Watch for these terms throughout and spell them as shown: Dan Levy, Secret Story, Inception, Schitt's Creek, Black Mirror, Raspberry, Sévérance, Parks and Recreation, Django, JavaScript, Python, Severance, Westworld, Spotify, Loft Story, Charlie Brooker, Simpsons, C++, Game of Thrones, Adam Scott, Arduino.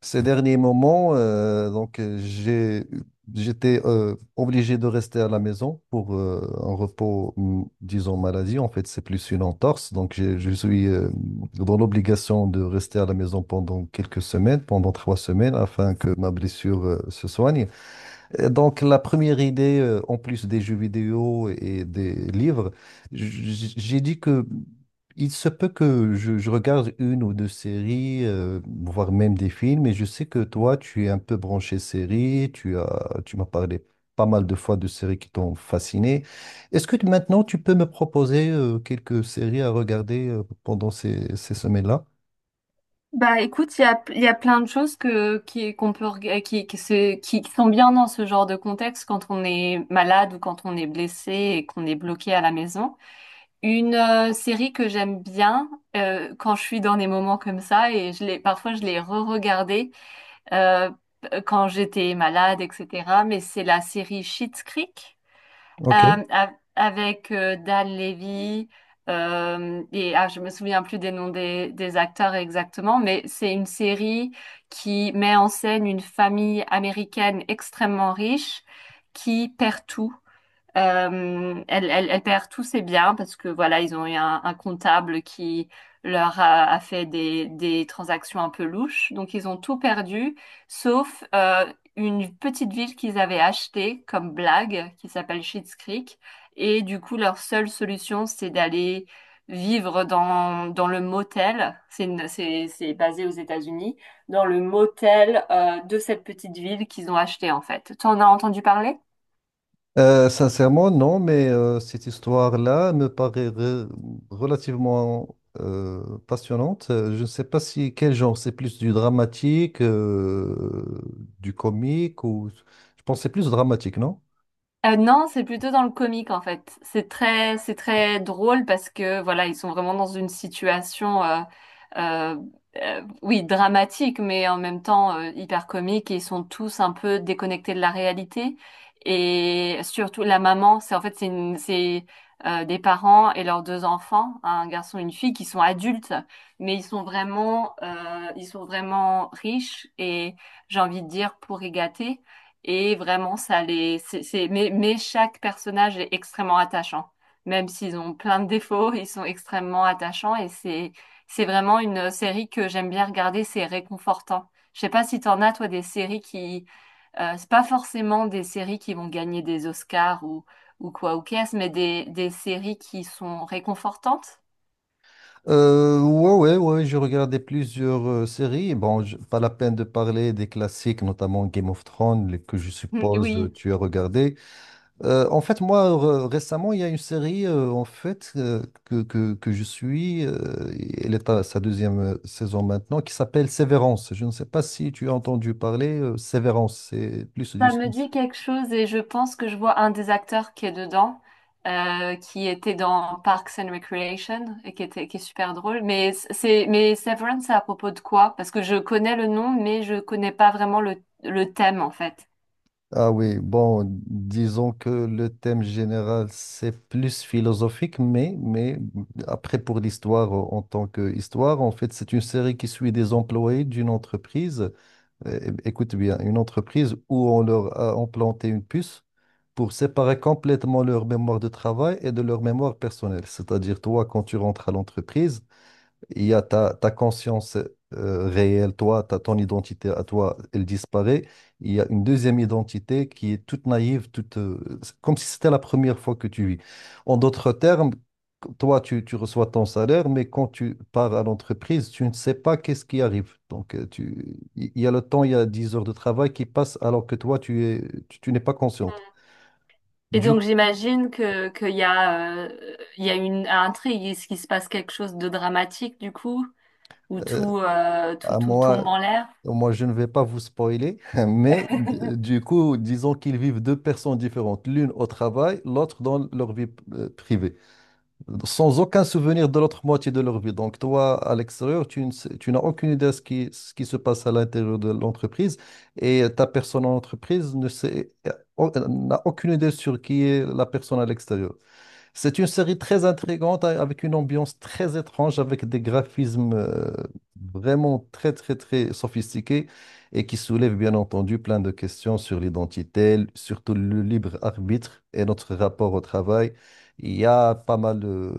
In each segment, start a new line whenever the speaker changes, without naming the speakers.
Ces derniers moments, j'étais obligé de rester à la maison pour un repos, disons maladie. En fait, c'est plus une entorse. Je suis dans l'obligation de rester à la maison pendant quelques semaines, pendant trois semaines, afin que ma blessure se soigne. Donc, la première idée, en plus des jeux vidéo et des livres, j'ai dit que il se peut que je regarde une ou deux séries, voire même des films, et je sais que toi, tu es un peu branché séries, tu m'as parlé pas mal de fois de séries qui t'ont fasciné. Est-ce que maintenant, tu peux me proposer, quelques séries à regarder, pendant ces semaines-là?
Bah écoute, il y a plein de choses qu'on peut, qui sont bien dans ce genre de contexte quand on est malade ou quand on est blessé et qu'on est bloqué à la maison. Une série que j'aime bien quand je suis dans des moments comme ça et je l'ai re-regardée euh, quand j'étais malade, etc. Mais c'est la série Schitt's Creek.
Ok.
Euh, avec Dan Levy et je me souviens plus des noms des acteurs exactement, mais c'est une série qui met en scène une famille américaine extrêmement riche qui perd tout. Elle perd tous ses biens parce que voilà, ils ont eu un comptable qui leur a fait des transactions un peu louches. Donc ils ont tout perdu, sauf une petite ville qu'ils avaient achetée comme blague, qui s'appelle Schitt's Creek. Et du coup, leur seule solution, c'est d'aller vivre dans le motel. C'est basé aux États-Unis, dans le motel de cette petite ville qu'ils ont achetée en fait. T'en as entendu parler?
Sincèrement, non, mais cette histoire-là me paraît relativement passionnante. Je ne sais pas si quel genre, c'est plus du dramatique, du comique ou je pense que c'est plus dramatique, non?
Non, c'est plutôt dans le comique en fait. C'est très drôle parce que voilà, ils sont vraiment dans une situation, euh, oui, dramatique, mais en même temps hyper comique. Et ils sont tous un peu déconnectés de la réalité. Et surtout la maman, c'est en fait c'est une- c'est des parents et leurs deux enfants, un garçon et une fille, qui sont adultes, mais ils sont vraiment riches et j'ai envie de dire pourri gâtés. Et vraiment, ça les, c'est- mais chaque personnage est extrêmement attachant. Même s'ils ont plein de défauts, ils sont extrêmement attachants c'est vraiment une série que j'aime bien regarder, c'est réconfortant. Je sais pas si t'en as, toi, des séries c'est pas forcément des séries qui vont gagner des Oscars ou quoi ou qu'est-ce, mais des séries qui sont réconfortantes.
Ouais, j'ai regardé plusieurs séries. Bon, pas la peine de parler des classiques, notamment Game of Thrones, que je suppose
Oui.
tu as regardé. En fait, moi, récemment, il y a une série en fait que je suis. Et elle est à sa deuxième saison maintenant, qui s'appelle Sévérance. Je ne sais pas si tu as entendu parler. Sévérance, c'est plus du
Ça me
sens.
dit quelque chose et je pense que je vois un des acteurs qui est dedans, qui était dans Parks and Recreation et qui est super drôle. Mais Severance, c'est à propos de quoi? Parce que je connais le nom, mais je connais pas vraiment le thème en fait.
Ah oui, bon, disons que le thème général, c'est plus philosophique, mais après, pour l'histoire en tant qu'histoire, en fait, c'est une série qui suit des employés d'une entreprise. Écoute bien, une entreprise où on leur a implanté une puce pour séparer complètement leur mémoire de travail et de leur mémoire personnelle. C'est-à-dire, toi, quand tu rentres à l'entreprise, il y a ta conscience réelle, toi, ton identité à toi, elle disparaît. Il y a une deuxième identité qui est toute naïve, toute, c'est comme si c'était la première fois que tu vis. En d'autres termes, toi, tu reçois ton salaire, mais quand tu pars à l'entreprise, tu ne sais pas qu'est-ce qui arrive. Donc, il y a le temps, il y a 10 heures de travail qui passent alors que toi, tu es, tu tu n'es pas consciente.
Et
Du
donc j'imagine que qu'il y a, il y a une intrigue, est-ce qu'il se passe quelque chose de dramatique du coup, où
euh, à
tout
moi,
tombe en l'air?
moi, je ne vais pas vous spoiler, mais du coup, disons qu'ils vivent deux personnes différentes, l'une au travail, l'autre dans leur vie privée, sans aucun souvenir de l'autre moitié de leur vie. Donc, toi, à l'extérieur, tu ne sais- tu n'as aucune idée de ce qui se passe à l'intérieur de l'entreprise et ta personne en entreprise ne sait, n'a aucune idée sur qui est la personne à l'extérieur. C'est une série très intrigante avec une ambiance très étrange, avec des graphismes vraiment très très très sophistiqués et qui soulèvent bien entendu plein de questions sur l'identité, surtout le libre arbitre et notre rapport au travail. Il y a pas mal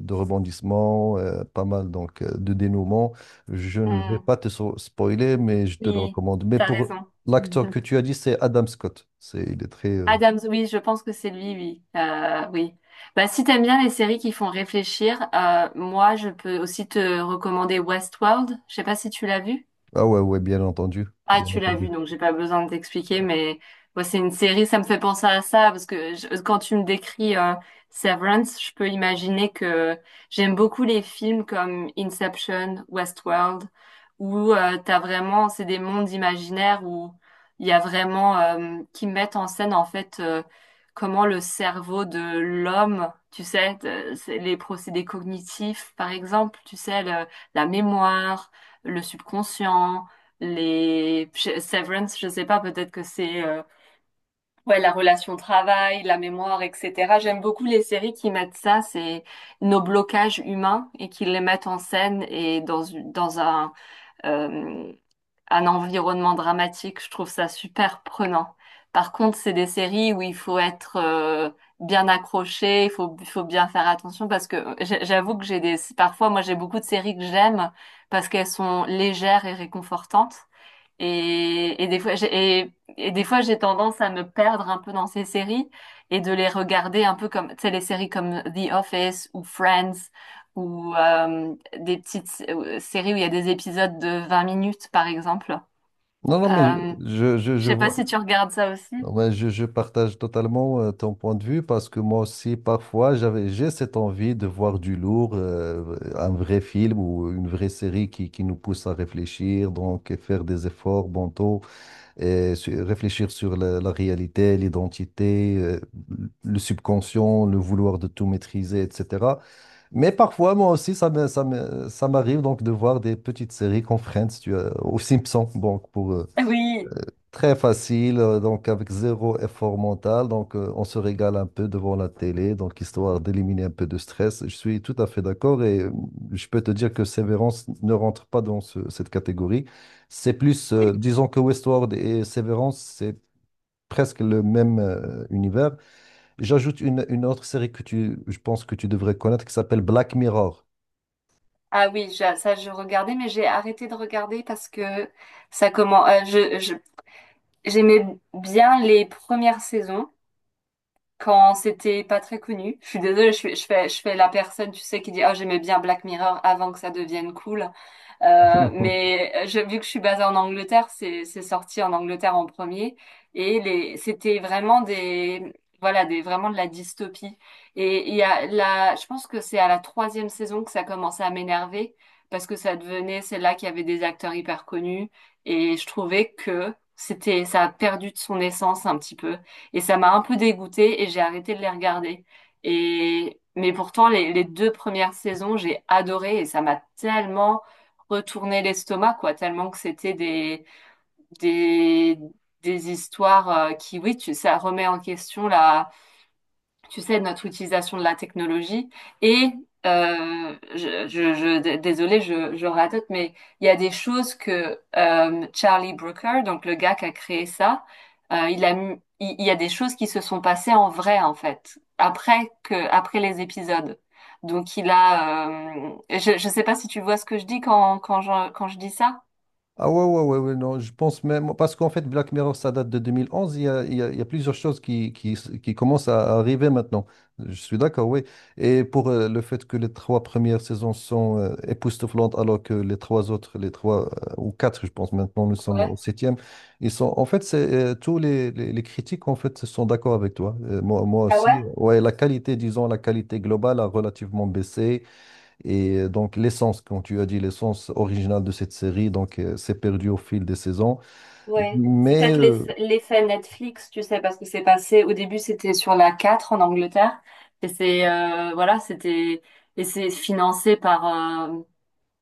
de rebondissements, pas mal donc de dénouements. Je ne vais
Hmm.
pas te spoiler, mais je te le
Oui,
recommande. Mais
t'as
pour
raison.
l'acteur que tu as dit, c'est Adam Scott. C'est, il est très...
Adams, oui, je pense que c'est lui, oui. Oui. Bah, si t'aimes bien les séries qui font réfléchir, moi, je peux aussi te recommander Westworld. Je sais pas si tu l'as vu.
Ah ouais, ouais, bien entendu.
Ah,
Bien
tu l'as vu,
entendu.
donc j'ai pas besoin de t'expliquer, mais moi c'est une série, ça me fait penser à ça, parce que quand tu me décris Severance, je peux imaginer que j'aime beaucoup les films comme Inception, Westworld, où t'as vraiment, c'est des mondes imaginaires où il y a vraiment, qui mettent en scène en fait comment le cerveau de l'homme, tu sais, c'est les procédés cognitifs, par exemple, tu sais, la mémoire, le subconscient, Severance, je sais pas, peut-être que c'est ouais la relation travail, la mémoire, etc. J'aime beaucoup les séries qui mettent ça, c'est nos blocages humains et qui les mettent en scène et dans dans euh, un environnement dramatique. Je trouve ça super prenant. Par contre, c'est des séries où il faut être bien accroché, il faut bien faire attention parce que j'avoue que j'ai des parfois moi j'ai beaucoup de séries que j'aime parce qu'elles sont légères et réconfortantes. Et des fois, et des fois, j'ai tendance à me perdre un peu dans ces séries et de les regarder un peu comme, tu sais, les séries comme The Office ou Friends ou séries où il y a des épisodes de 20 minutes, par exemple.
Non, non, mais
Euh, je
je
sais pas
vois,
si tu regardes ça aussi.
non, mais je partage totalement ton point de vue parce que moi aussi, parfois, j'ai cette envie de voir du lourd, un vrai film ou une vraie série qui nous pousse à réfléchir, donc et faire des efforts mentaux et réfléchir sur la réalité, l'identité, le subconscient, le vouloir de tout maîtriser, etc. Mais parfois, moi aussi, ça m'arrive donc de voir des petites séries qu'on freine, si tu veux, aux Simpsons, donc pour.
Oui.
Très facile, donc avec zéro effort mental. Donc, on se régale un peu devant la télé, donc histoire d'éliminer un peu de stress. Je suis tout à fait d'accord et je peux te dire que Severance ne rentre pas dans cette catégorie. C'est plus,
Oui.
disons que Westworld et Severance, c'est presque le même univers. J'ajoute une autre série que tu, je pense que tu devrais connaître qui s'appelle Black Mirror.
Ah oui, ça je regardais, mais j'ai arrêté de regarder parce que ça comment, je- j'aimais bien les premières saisons, quand c'était pas très connu. Je suis désolée, je fais la personne, tu sais, qui dit, oh, j'aimais bien Black Mirror avant que ça devienne cool. Vu que je suis basée en Angleterre, c'est sorti en Angleterre en premier et les c'était vraiment des, voilà, des, vraiment de la dystopie. Et il y a la je pense que c'est à la troisième saison que ça commençait à m'énerver parce que ça devenait celle-là qui avait des acteurs hyper connus et je trouvais que c'était ça a perdu de son essence un petit peu et ça m'a un peu dégoûtée et j'ai arrêté de les regarder. Et mais pourtant les deux premières saisons j'ai adoré et ça m'a tellement retourner l'estomac, quoi, tellement que c'était des, des histoires qui, oui, ça remet en question la, tu sais, notre utilisation de la technologie. Et désolée, je radote, mais il y a des choses que Charlie Brooker, donc le gars qui a créé ça, il y a des choses qui se sont passées en vrai, en fait, après les épisodes. Donc je sais pas si tu vois ce que je dis quand je dis ça.
Ah ouais, ouais, ouais, ouais, non, je pense même, parce qu'en fait, Black Mirror, ça date de 2011, il y a plusieurs choses qui commencent à arriver maintenant. Je suis d'accord, oui. Et pour le fait que les trois premières saisons sont époustouflantes, alors que les trois autres, les trois ou quatre, je pense maintenant, nous sommes
Ouais.
au septième, ils sont, en fait, tous les critiques, en fait, sont d'accord avec toi. Moi
Ah ouais?
aussi, ouais, disons, la qualité globale a relativement baissé. Et donc, l'essence, quand tu as dit l'essence originale de cette série, donc, s'est perdue au fil des saisons.
Ouais, c'est
Mais,
peut-être
euh,
l'effet Netflix, tu sais, parce que c'est passé, au début c'était sur la 4 en Angleterre, et c'est, euh, voilà, c'était, et c'est financé par,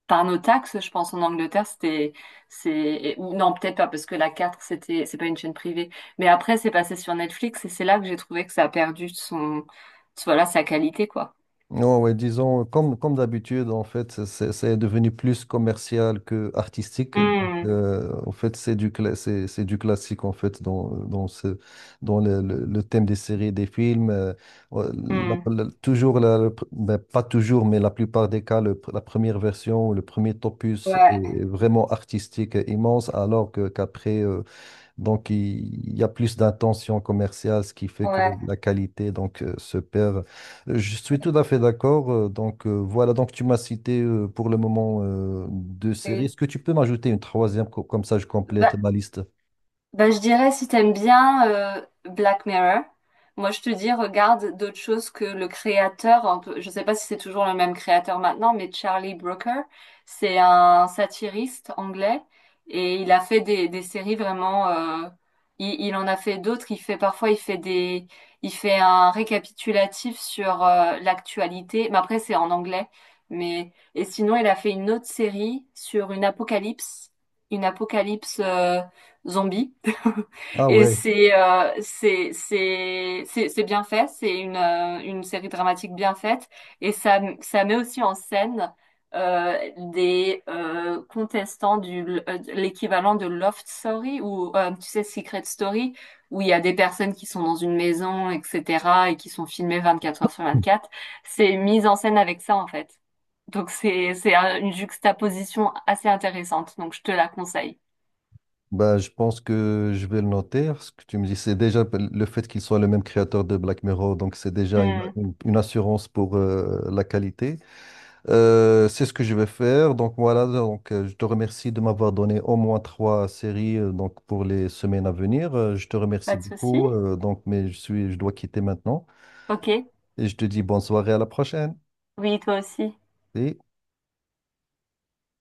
par nos taxes, je pense, en Angleterre, ou non, peut-être pas, parce que c'est pas une chaîne privée, mais après c'est passé sur Netflix, et c'est là que j'ai trouvé que ça a perdu son, voilà, sa qualité, quoi.
ouais, ouais, disons, comme d'habitude, en fait, c'est devenu plus commercial que artistique. Donc,
Hmm,
en fait, c'est du classique, en fait, dans le thème des séries et des films. Ouais, la-
hmm.
toujours, ben, pas toujours, mais la plupart des cas, la première version, le premier opus
Ouais,
est vraiment artistique et immense, alors qu'après, donc il y a plus d'intention commerciale, ce qui fait que
ouais,
la qualité donc, se perd. Je suis tout à fait d'accord. Voilà, donc tu m'as cité pour le moment deux séries.
oui.
Est-ce que tu peux m'ajouter une troisième, comme ça je complète
Bah,
ma liste?
Bah, je dirais, si t'aimes bien Black Mirror, moi je te dis, regarde d'autres choses que le créateur, je sais pas si c'est toujours le même créateur maintenant, mais Charlie Brooker, c'est un satiriste anglais et il a fait des séries vraiment, il en a fait d'autres, il fait il fait un récapitulatif sur l'actualité, mais après c'est en anglais, mais, et sinon il a fait une autre série sur une apocalypse zombie.
Ah
Et
ouais.
c'est bien fait, c'est une série dramatique bien faite et ça met aussi en scène euh, des contestants du l'équivalent de Loft Story ou tu sais Secret Story où il y a des personnes qui sont dans une maison, etc. et qui sont filmées 24 heures sur 24. C'est mis en scène avec ça en fait. Donc une juxtaposition assez intéressante. Donc je te la conseille.
Bah, je pense que je vais le noter. Ce que tu me dis, c'est déjà le fait qu'il soit le même créateur de Black Mirror, donc c'est déjà
Hmm,
une assurance pour la qualité. C'est ce que je vais faire. Donc voilà, donc, je te remercie de m'avoir donné au moins trois séries donc, pour les semaines à venir. Je te remercie
pas de souci.
beaucoup. Mais je dois quitter maintenant.
Ok.
Et je te dis bonne soirée à la prochaine.
Oui, toi aussi.
Et